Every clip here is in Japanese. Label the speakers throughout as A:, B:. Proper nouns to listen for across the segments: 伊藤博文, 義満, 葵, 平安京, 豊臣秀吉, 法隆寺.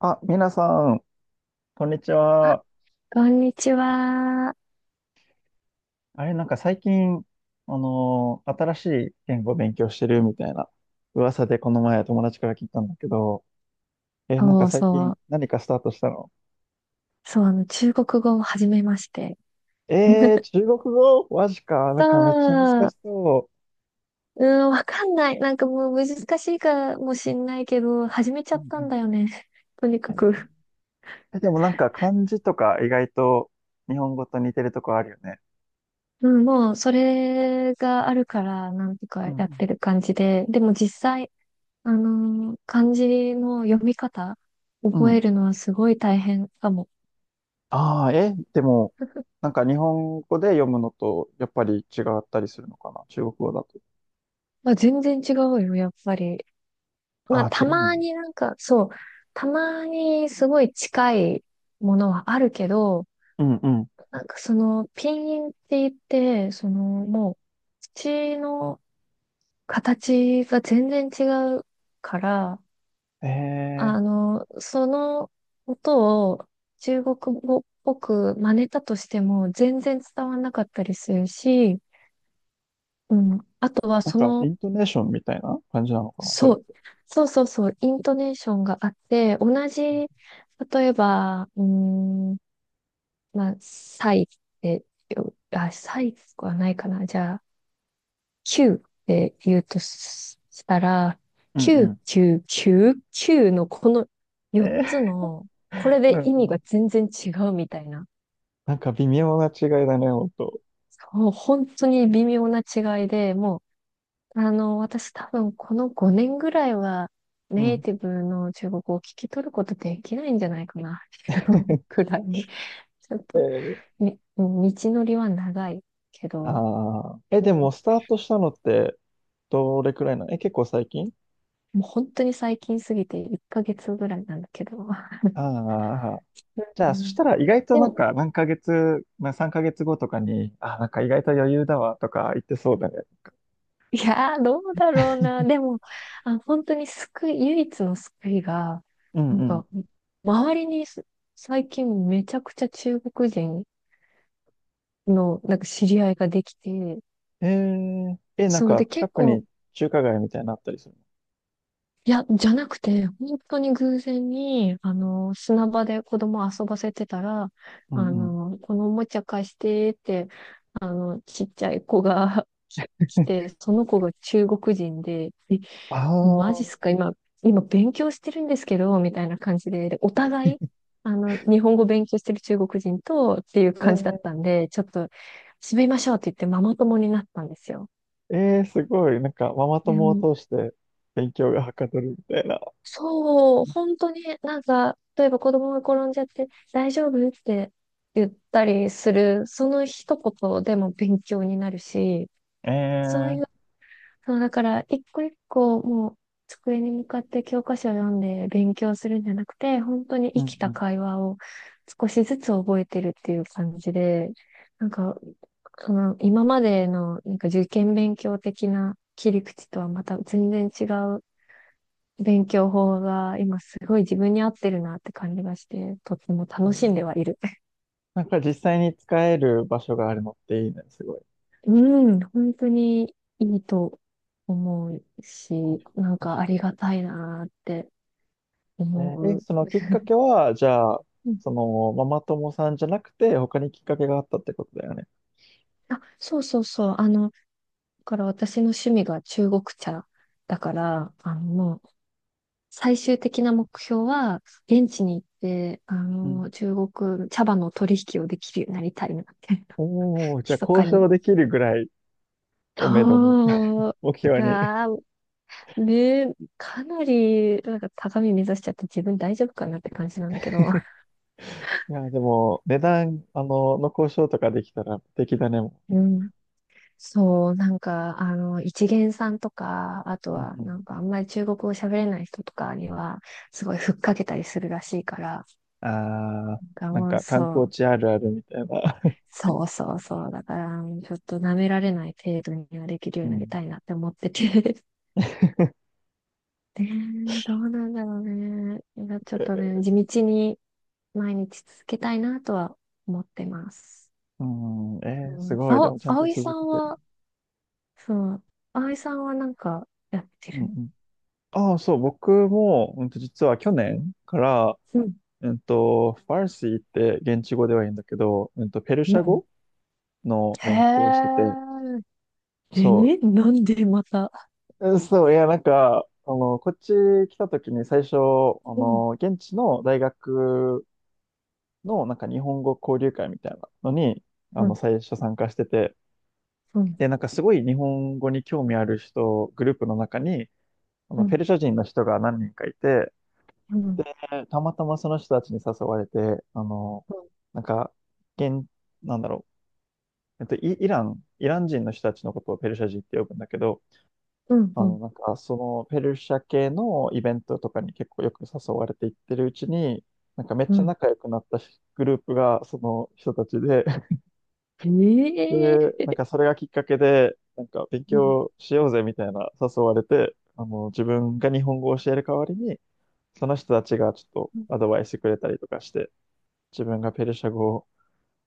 A: あ、皆さん、こんにち
B: あ、
A: は。
B: こんにちは。
A: あれ、なんか最近、新しい言語を勉強してるみたいな噂でこの前友達から聞いたんだけど、なんか
B: そう
A: 最
B: そ
A: 近
B: う。
A: 何かスタートしたの？
B: そう、中国語を始めまして。
A: 中国語マジか。な
B: そ
A: んかめっちゃ難し
B: う、
A: そ
B: うん、わかんない。なんかもう難しいかもしんないけど、始めちゃ
A: う。う
B: ったん
A: ん
B: だよね。とに
A: う
B: か
A: ん。
B: く。
A: でもなんか漢字とか意外と日本語と似てるとこあるよね。
B: うん、もう、それがあるから、なんとか
A: う
B: やって
A: ん
B: る感じで。でも実際、漢字の読み方、
A: うん。
B: 覚
A: う
B: え
A: ん。
B: るのはすごい大変かも。
A: ああ、でも、なんか日本語で読むのとやっぱり違ったりするのかな中国語だと。
B: まあ、全然違うよ、やっぱり。ま
A: あ
B: あ、
A: あ、違
B: た
A: うの。
B: まになんか、そう、たまにすごい近いものはあるけど、
A: うんうん。
B: なんかその、ピンインって言って、土の形が全然違うから、
A: えー、
B: あの、その音を中国語っぽく真似たとしても全然伝わんなかったりするし、うん。あとは
A: なん
B: そ
A: か、イ
B: の
A: ントネーションみたいな感じなのかな、それ
B: そ
A: っ
B: う、
A: て。
B: そうそうそう、イントネーションがあって、同じ、例えば、うーん、まあ、サイってよ、あ、サイはないかな。じゃあ、キューって言うとししたら、
A: うん
B: キ
A: う
B: キキュュューーーキューのこの
A: ん。
B: 4つの、これ
A: うんう
B: で意味
A: ん。
B: が全然違うみたいな。
A: なんか微妙な違いだね、ほんと。
B: そう、本当に微妙な違いで、もうあの、私多分この5年ぐらいは
A: う
B: ネイ
A: ん。
B: ティブの中国語を聞き取ることできないんじゃないかなっていう くらいに。ちょっ
A: え
B: と、
A: ー、
B: ね、うん道のりは長いけど、
A: あー、
B: う
A: でも、
B: ん
A: スタートしたのって、どれくらいなの？結構最近？
B: もう本当に最近すぎて1ヶ月ぐらいなんだけど。
A: ああ。じゃ
B: う
A: あ、そし
B: ん
A: たら意外と
B: で
A: なん
B: も、
A: か、何ヶ月、まあ、3ヶ月後とかに、あ、なんか意外と余裕だわ、とか言ってそうだね。
B: いやー、どうだろうな。でも、あ、本当に救い、唯一の救いが、
A: う
B: な
A: ん
B: ん
A: う
B: か、周りにす最近めちゃくちゃ中国人のなんか知り合いができて、
A: ん。ー、なん
B: そう
A: か、
B: で
A: 近
B: 結
A: く
B: 構、
A: に中華街みたいなのあったりする
B: いや、じゃなくて、本当に偶然に、あの、砂場で子供遊ばせてたら、
A: の？う
B: あ
A: んうん。
B: の、このおもちゃ貸してって、あの、ちっちゃい子が 来て、その子が中国人で、え、
A: あ
B: マジっ
A: あ、
B: すか、今勉強してるんですけど、みたいな感じで、でお互い、あの、日本語勉強してる中国人とっていう感じだっ
A: え
B: た
A: え
B: んで、ちょっと、締めましょうって言ってママ友になったんですよ。
A: すごい。なんか、ママ友を通して勉強がはかどるみたいな。
B: そう、本当になんか、例えば子供が転んじゃって、大丈夫って言ったりする、その一言でも勉強になるし、
A: え
B: そうい
A: ー、
B: う、そう、だから、一個一個もう机に向かって教科書を読んで勉強するんじゃなくて、本当に
A: う
B: 生
A: ん
B: き
A: う
B: た
A: ん。
B: 会話を少しずつ覚えてるっていう感じで、なんか、その今までのなんか受験勉強的な切り口とはまた全然違う勉強法が今すごい自分に合ってるなって感じがして、とっても
A: え
B: 楽しんで
A: ー
B: はいる。
A: なんか実際に使える場所があるのっていいね。すごい。
B: うん、本当にいいと思うし、
A: 確
B: なん
A: か
B: か
A: に。
B: ありがたいなって
A: えー
B: 思
A: え
B: う。
A: そのきっかけは、じゃあ、
B: うん
A: その、ママ友さんじゃなくて、他にきっかけがあったってことだよね。
B: あ、そうそうそう。あの、だから私の趣味が中国茶だから、最終的な目標は、現地に行って、あ
A: うん。
B: の、中国茶葉の取引をできるようになりたいなって、
A: おお、じゃあ
B: 密
A: 交
B: かに。
A: 渉できるぐらいをめどに、
B: そう。
A: 目
B: う
A: 標に。
B: わーねえ、かなり、なんか高み目指しちゃって自分大丈夫かなって感じなんだけど。
A: いや、でも、値段、の交渉とかできたら、敵だね、も
B: うん。そう、なんか、あの、一元さんとか、あと
A: う。う
B: は、な
A: ん。
B: んかあんまり中国語喋れない人とかには、すごいふっかけたりするらしいから、
A: ああ、
B: なんか
A: なん
B: もう
A: か観
B: そ
A: 光
B: う、
A: 地あるあるみたいな。
B: そうそうそう、だから、ちょっと舐められない程度にはできるよ
A: う
B: うになり
A: ん。
B: たいなって思ってて。ねえ、どうなんだろうね。いや ちょっ
A: え
B: とね、
A: ー
B: 地道に毎日続けたいなとは思ってます。
A: うん、
B: う
A: す
B: ん、
A: ごい。
B: あ
A: で
B: お、
A: もちゃんと
B: 葵さ
A: 続け
B: ん
A: てる。
B: は、そう、葵さんはなんかやって
A: うんう
B: る
A: ん。ああ、そう、僕も、実は去年から、
B: うん、
A: ファルシーって現地語では言うんだけど、ペル
B: う
A: シャ
B: ん。
A: 語の
B: へ
A: 勉強をしてて、
B: え、え
A: そ
B: ー、なんでまた。
A: う、そう、いや、なんか、こっち来た時に最初、
B: うん、
A: 現地の大学の、なんか日本語交流会みたいなのに、
B: うん、
A: 最初参加してて、
B: うん、
A: で、なんかすごい日本語に興味ある人、グループの中に、
B: う
A: ペ
B: ん、
A: ルシャ人の人が何人かいて、
B: うん、
A: で、たまたまその人たちに誘われて、あの、
B: う
A: なんか、現、なんだろう、イラン人の人たちのことをペルシャ人って呼ぶんだけど、
B: ん、うん、
A: なんか、そのペルシャ系のイベントとかに結構よく誘われていってるうちに、なんかめっ
B: う
A: ちゃ
B: ん。
A: 仲良くなったしグループがその人たちで、
B: ええ
A: で、なん
B: ー、
A: かそれがきっかけで、なんか勉
B: うん。
A: 強しようぜみたいな誘われて、自分が日本語を教える代わりに、その人たちがちょっ
B: うん
A: とアドバイスくれたりとかして、自分がペルシャ語を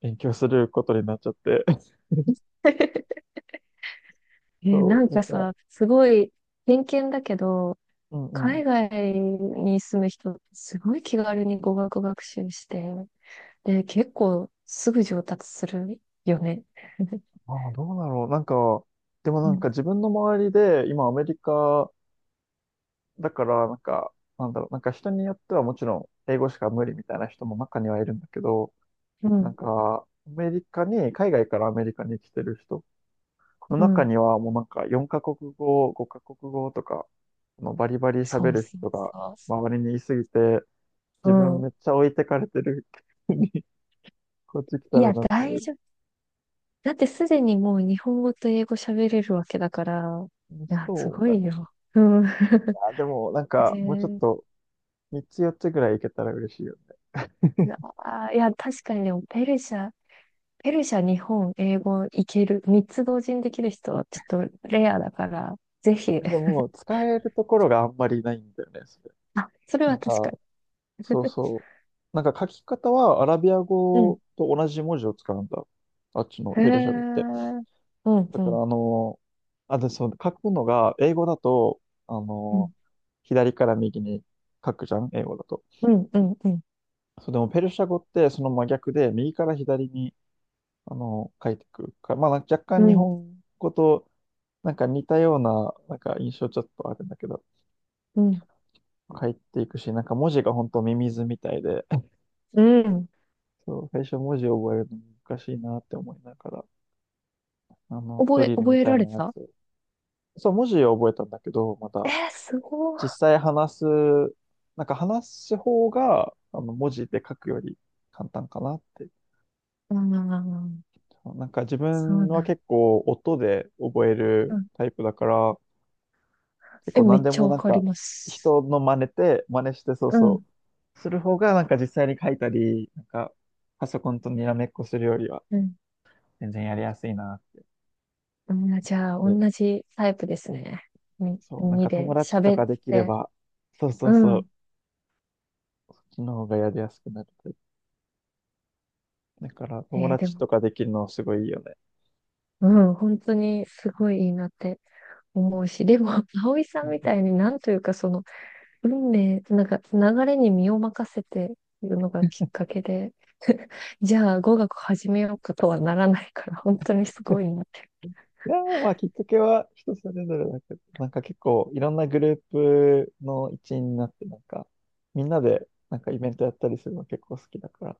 A: 勉強することになっちゃって、
B: えー、な
A: そ
B: ん
A: う、なん
B: か
A: か、
B: さ、すごい偏見だけど、
A: うんうん。
B: 海外に住む人、すごい気軽に語学学習して、で、結構すぐ上達するよね。
A: ああ、どうだろう。なんか、でも
B: う
A: なん
B: ん、
A: か自分の周りで、今アメリカだから、なんか、なんだろう、なんか人によってはもちろん英語しか無理みたいな人も中にはいるんだけど、
B: う
A: なん
B: ん
A: か、アメリカに、海外からアメリカに来てる人の
B: う
A: 中
B: ん。
A: にはもうなんか4カ国語、5カ国語とか、バリバリ
B: そ
A: 喋
B: う
A: る
B: そ
A: 人が
B: うそ
A: 周りにいすぎて、
B: う。う
A: 自分
B: ん。
A: めっちゃ置いてかれてる に、こっち来た
B: い
A: ら
B: や、
A: なっちゃ
B: 大
A: う。
B: 丈夫。だってすでにもう日本語と英語喋れるわけだから。いや、す
A: そう
B: ご
A: だ
B: い
A: ね。
B: よ。うん。
A: あ、でもなん
B: ねえ
A: かもうちょっ
B: ー
A: と3つ4つぐらいいけたら嬉しいよ
B: いやー、いや、確かにでも、ペルシャ、日本、英語いける。三つ同時にできる人はちょっとレアだから、ぜひ。
A: ね。で も使えるところがあんまりないんだよね、それ。
B: あ、それ
A: な
B: は
A: ん
B: 確か
A: か、
B: に。
A: そう そう。なんか書き方はアラビア
B: うん。
A: 語と同じ文字を使うんだ。あっちの
B: へえ。
A: ペルシャ語って。
B: うん、
A: だ
B: う
A: から、
B: ん、
A: あ、で、そう、書くのが、英語だと、あ
B: う
A: の、
B: ん、
A: 左から右に書くじゃん、英語だと。
B: うん、うん、うん、
A: そう、でも、ペルシャ語ってその真逆で、右から左に、書いてくるから、まあ、なんか若
B: う
A: 干日
B: ん、
A: 本語と、なんか似たような、なんか印象ちょっとあるんだけど、
B: うん。
A: 書いていくし、なんか文字が本当ミミズみたいで、
B: うん
A: そう、最初文字を覚えるの難しいなって思いながら、ドリルみ
B: 覚え
A: たい
B: られ
A: なや
B: た
A: つ。そう、文字を覚えたんだけど、ま
B: え
A: た、
B: ー、すごい。
A: 実際話す、なんか話す方が、文字で書くより簡単かなって。
B: ああ、
A: なんか自
B: そ
A: 分
B: う
A: は
B: なん。
A: 結構音で覚え
B: う
A: る
B: ん。
A: タイプだから、結
B: え、
A: 構
B: め
A: 何
B: っ
A: で
B: ちゃ
A: も
B: わ
A: なん
B: かり
A: か
B: ます。
A: 人の真似て、真似してそう
B: う
A: そ
B: ん。
A: う、する方がなんか実際に書いたり、なんかパソコンとにらめっこするよりは
B: うん。
A: 全然やりやすいなっ
B: あーじゃあ、
A: て。
B: 同じタイプですね。み、
A: そう、なん
B: に
A: か友
B: で
A: 達と
B: 喋っ
A: かできれ
B: て。
A: ば、そうそ
B: う
A: うそ
B: ん。
A: う、そっちの方がやりやすくなるタイプ。だから友
B: えーで
A: 達
B: も、
A: とかできるのすごいいいよね。
B: うん、本当にすごいいいなって思うし、でも、葵さ
A: う
B: ん
A: ん
B: み
A: う
B: た
A: ん。
B: いになんというか、その、運命、なんか流れに身を任せているのがきっかけで、じゃあ語学始めようかとはならないから、本当にすごいなって。
A: いやー、まあ、きっかけは人それぞれだけど、なんか結構いろんなグループの一員になって、なんか、みんなでなんかイベントやったりするの結構好きだか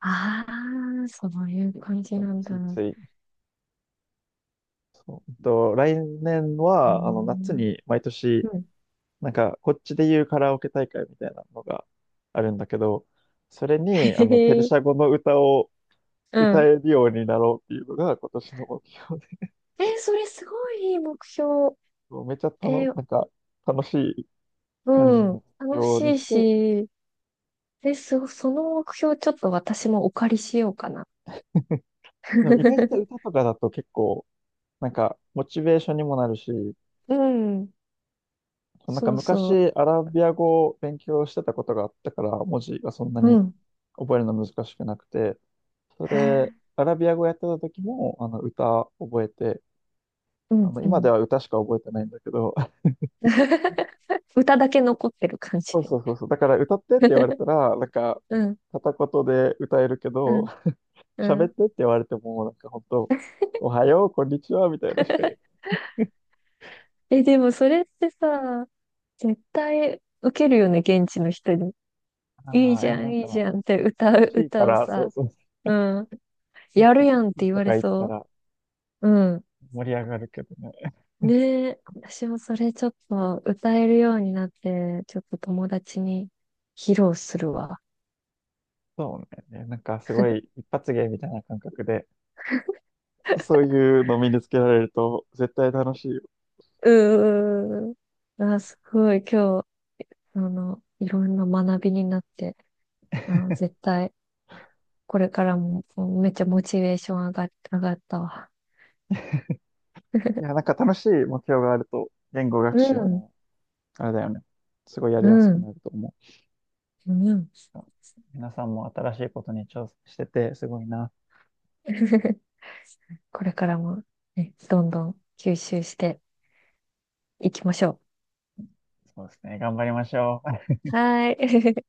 B: ああ、そういう感じ
A: ら、
B: なんだ。
A: ついつい。そう。来年
B: えー、
A: は、夏
B: う
A: に毎年、
B: ん。
A: なんか、こっちで言うカラオケ大会みたいなのがあるんだけど、それ に、
B: へ
A: ペル
B: へ
A: シャ語の歌を
B: う
A: 歌
B: ん。
A: えるようになろうっていうのが今年の目標で、
B: えー、それすごいいい目標。
A: もうめちゃた
B: え
A: の
B: ー、
A: なんか、楽しい感じ
B: うん。
A: の目
B: 楽し
A: 標に
B: い
A: して、
B: し、その目標ちょっと私もお借りしようかな。
A: でも意外と 歌とかだと結構、なんか、モチベーションにもなるし、
B: うん。
A: なんか
B: そうそ
A: 昔アラビア語を勉強してたことがあったから、文字がそんな
B: う。う
A: に
B: ん。
A: 覚えるの難しくなくて、そ
B: へ
A: れで、
B: え、
A: アラビア語やってた時も、歌覚えて、
B: うん、う
A: 今で
B: ん。
A: は歌しか覚えてないんだけど、
B: 歌だけ残ってる感じ。
A: そうそうそうそう、だから歌ってって言われ たら、なんか、
B: うん、
A: 片言で歌えるけ
B: う
A: ど、
B: ん、う
A: 喋っ
B: ん。
A: てって言われても、なんか本当、おはよう、こんにちは、みたいなしか言えない。
B: え、でもそれってさ、絶対受けるよね、現地の人に。いい
A: ああ、い
B: じ
A: や、
B: ゃ
A: な
B: ん、
A: ん
B: いいじ
A: か、
B: ゃんって
A: 楽しいか
B: 歌を
A: ら、そう
B: さ。
A: そう
B: うん。
A: なんか、
B: やるやんって言
A: と
B: わ
A: か
B: れ
A: 言った
B: そ
A: ら
B: う。うん。
A: 盛り上がるけどね。
B: ねえ、私もそれちょっと歌えるようになって、ちょっと友達に披露するわ。
A: そうね。なんかすごい一発芸みたいな感覚で、そういうの身につけられると絶対楽しいよ。
B: うーん。あ、すごい、今日、あの、いろんな学びになって、あの、絶対、これからも、もうめっちゃモチベーション上がったわ。
A: いや、なんか楽しい目標があると、言語
B: う
A: 学習
B: ん、
A: も、あれだよね。すごいやり
B: う
A: やすく
B: ん、
A: なると思う。
B: うん。
A: 皆さんも新しいことに挑戦してて、すごいな。
B: これからも、ね、どんどん吸収していきましょ
A: そうですね。頑張りましょう。
B: う。はーい。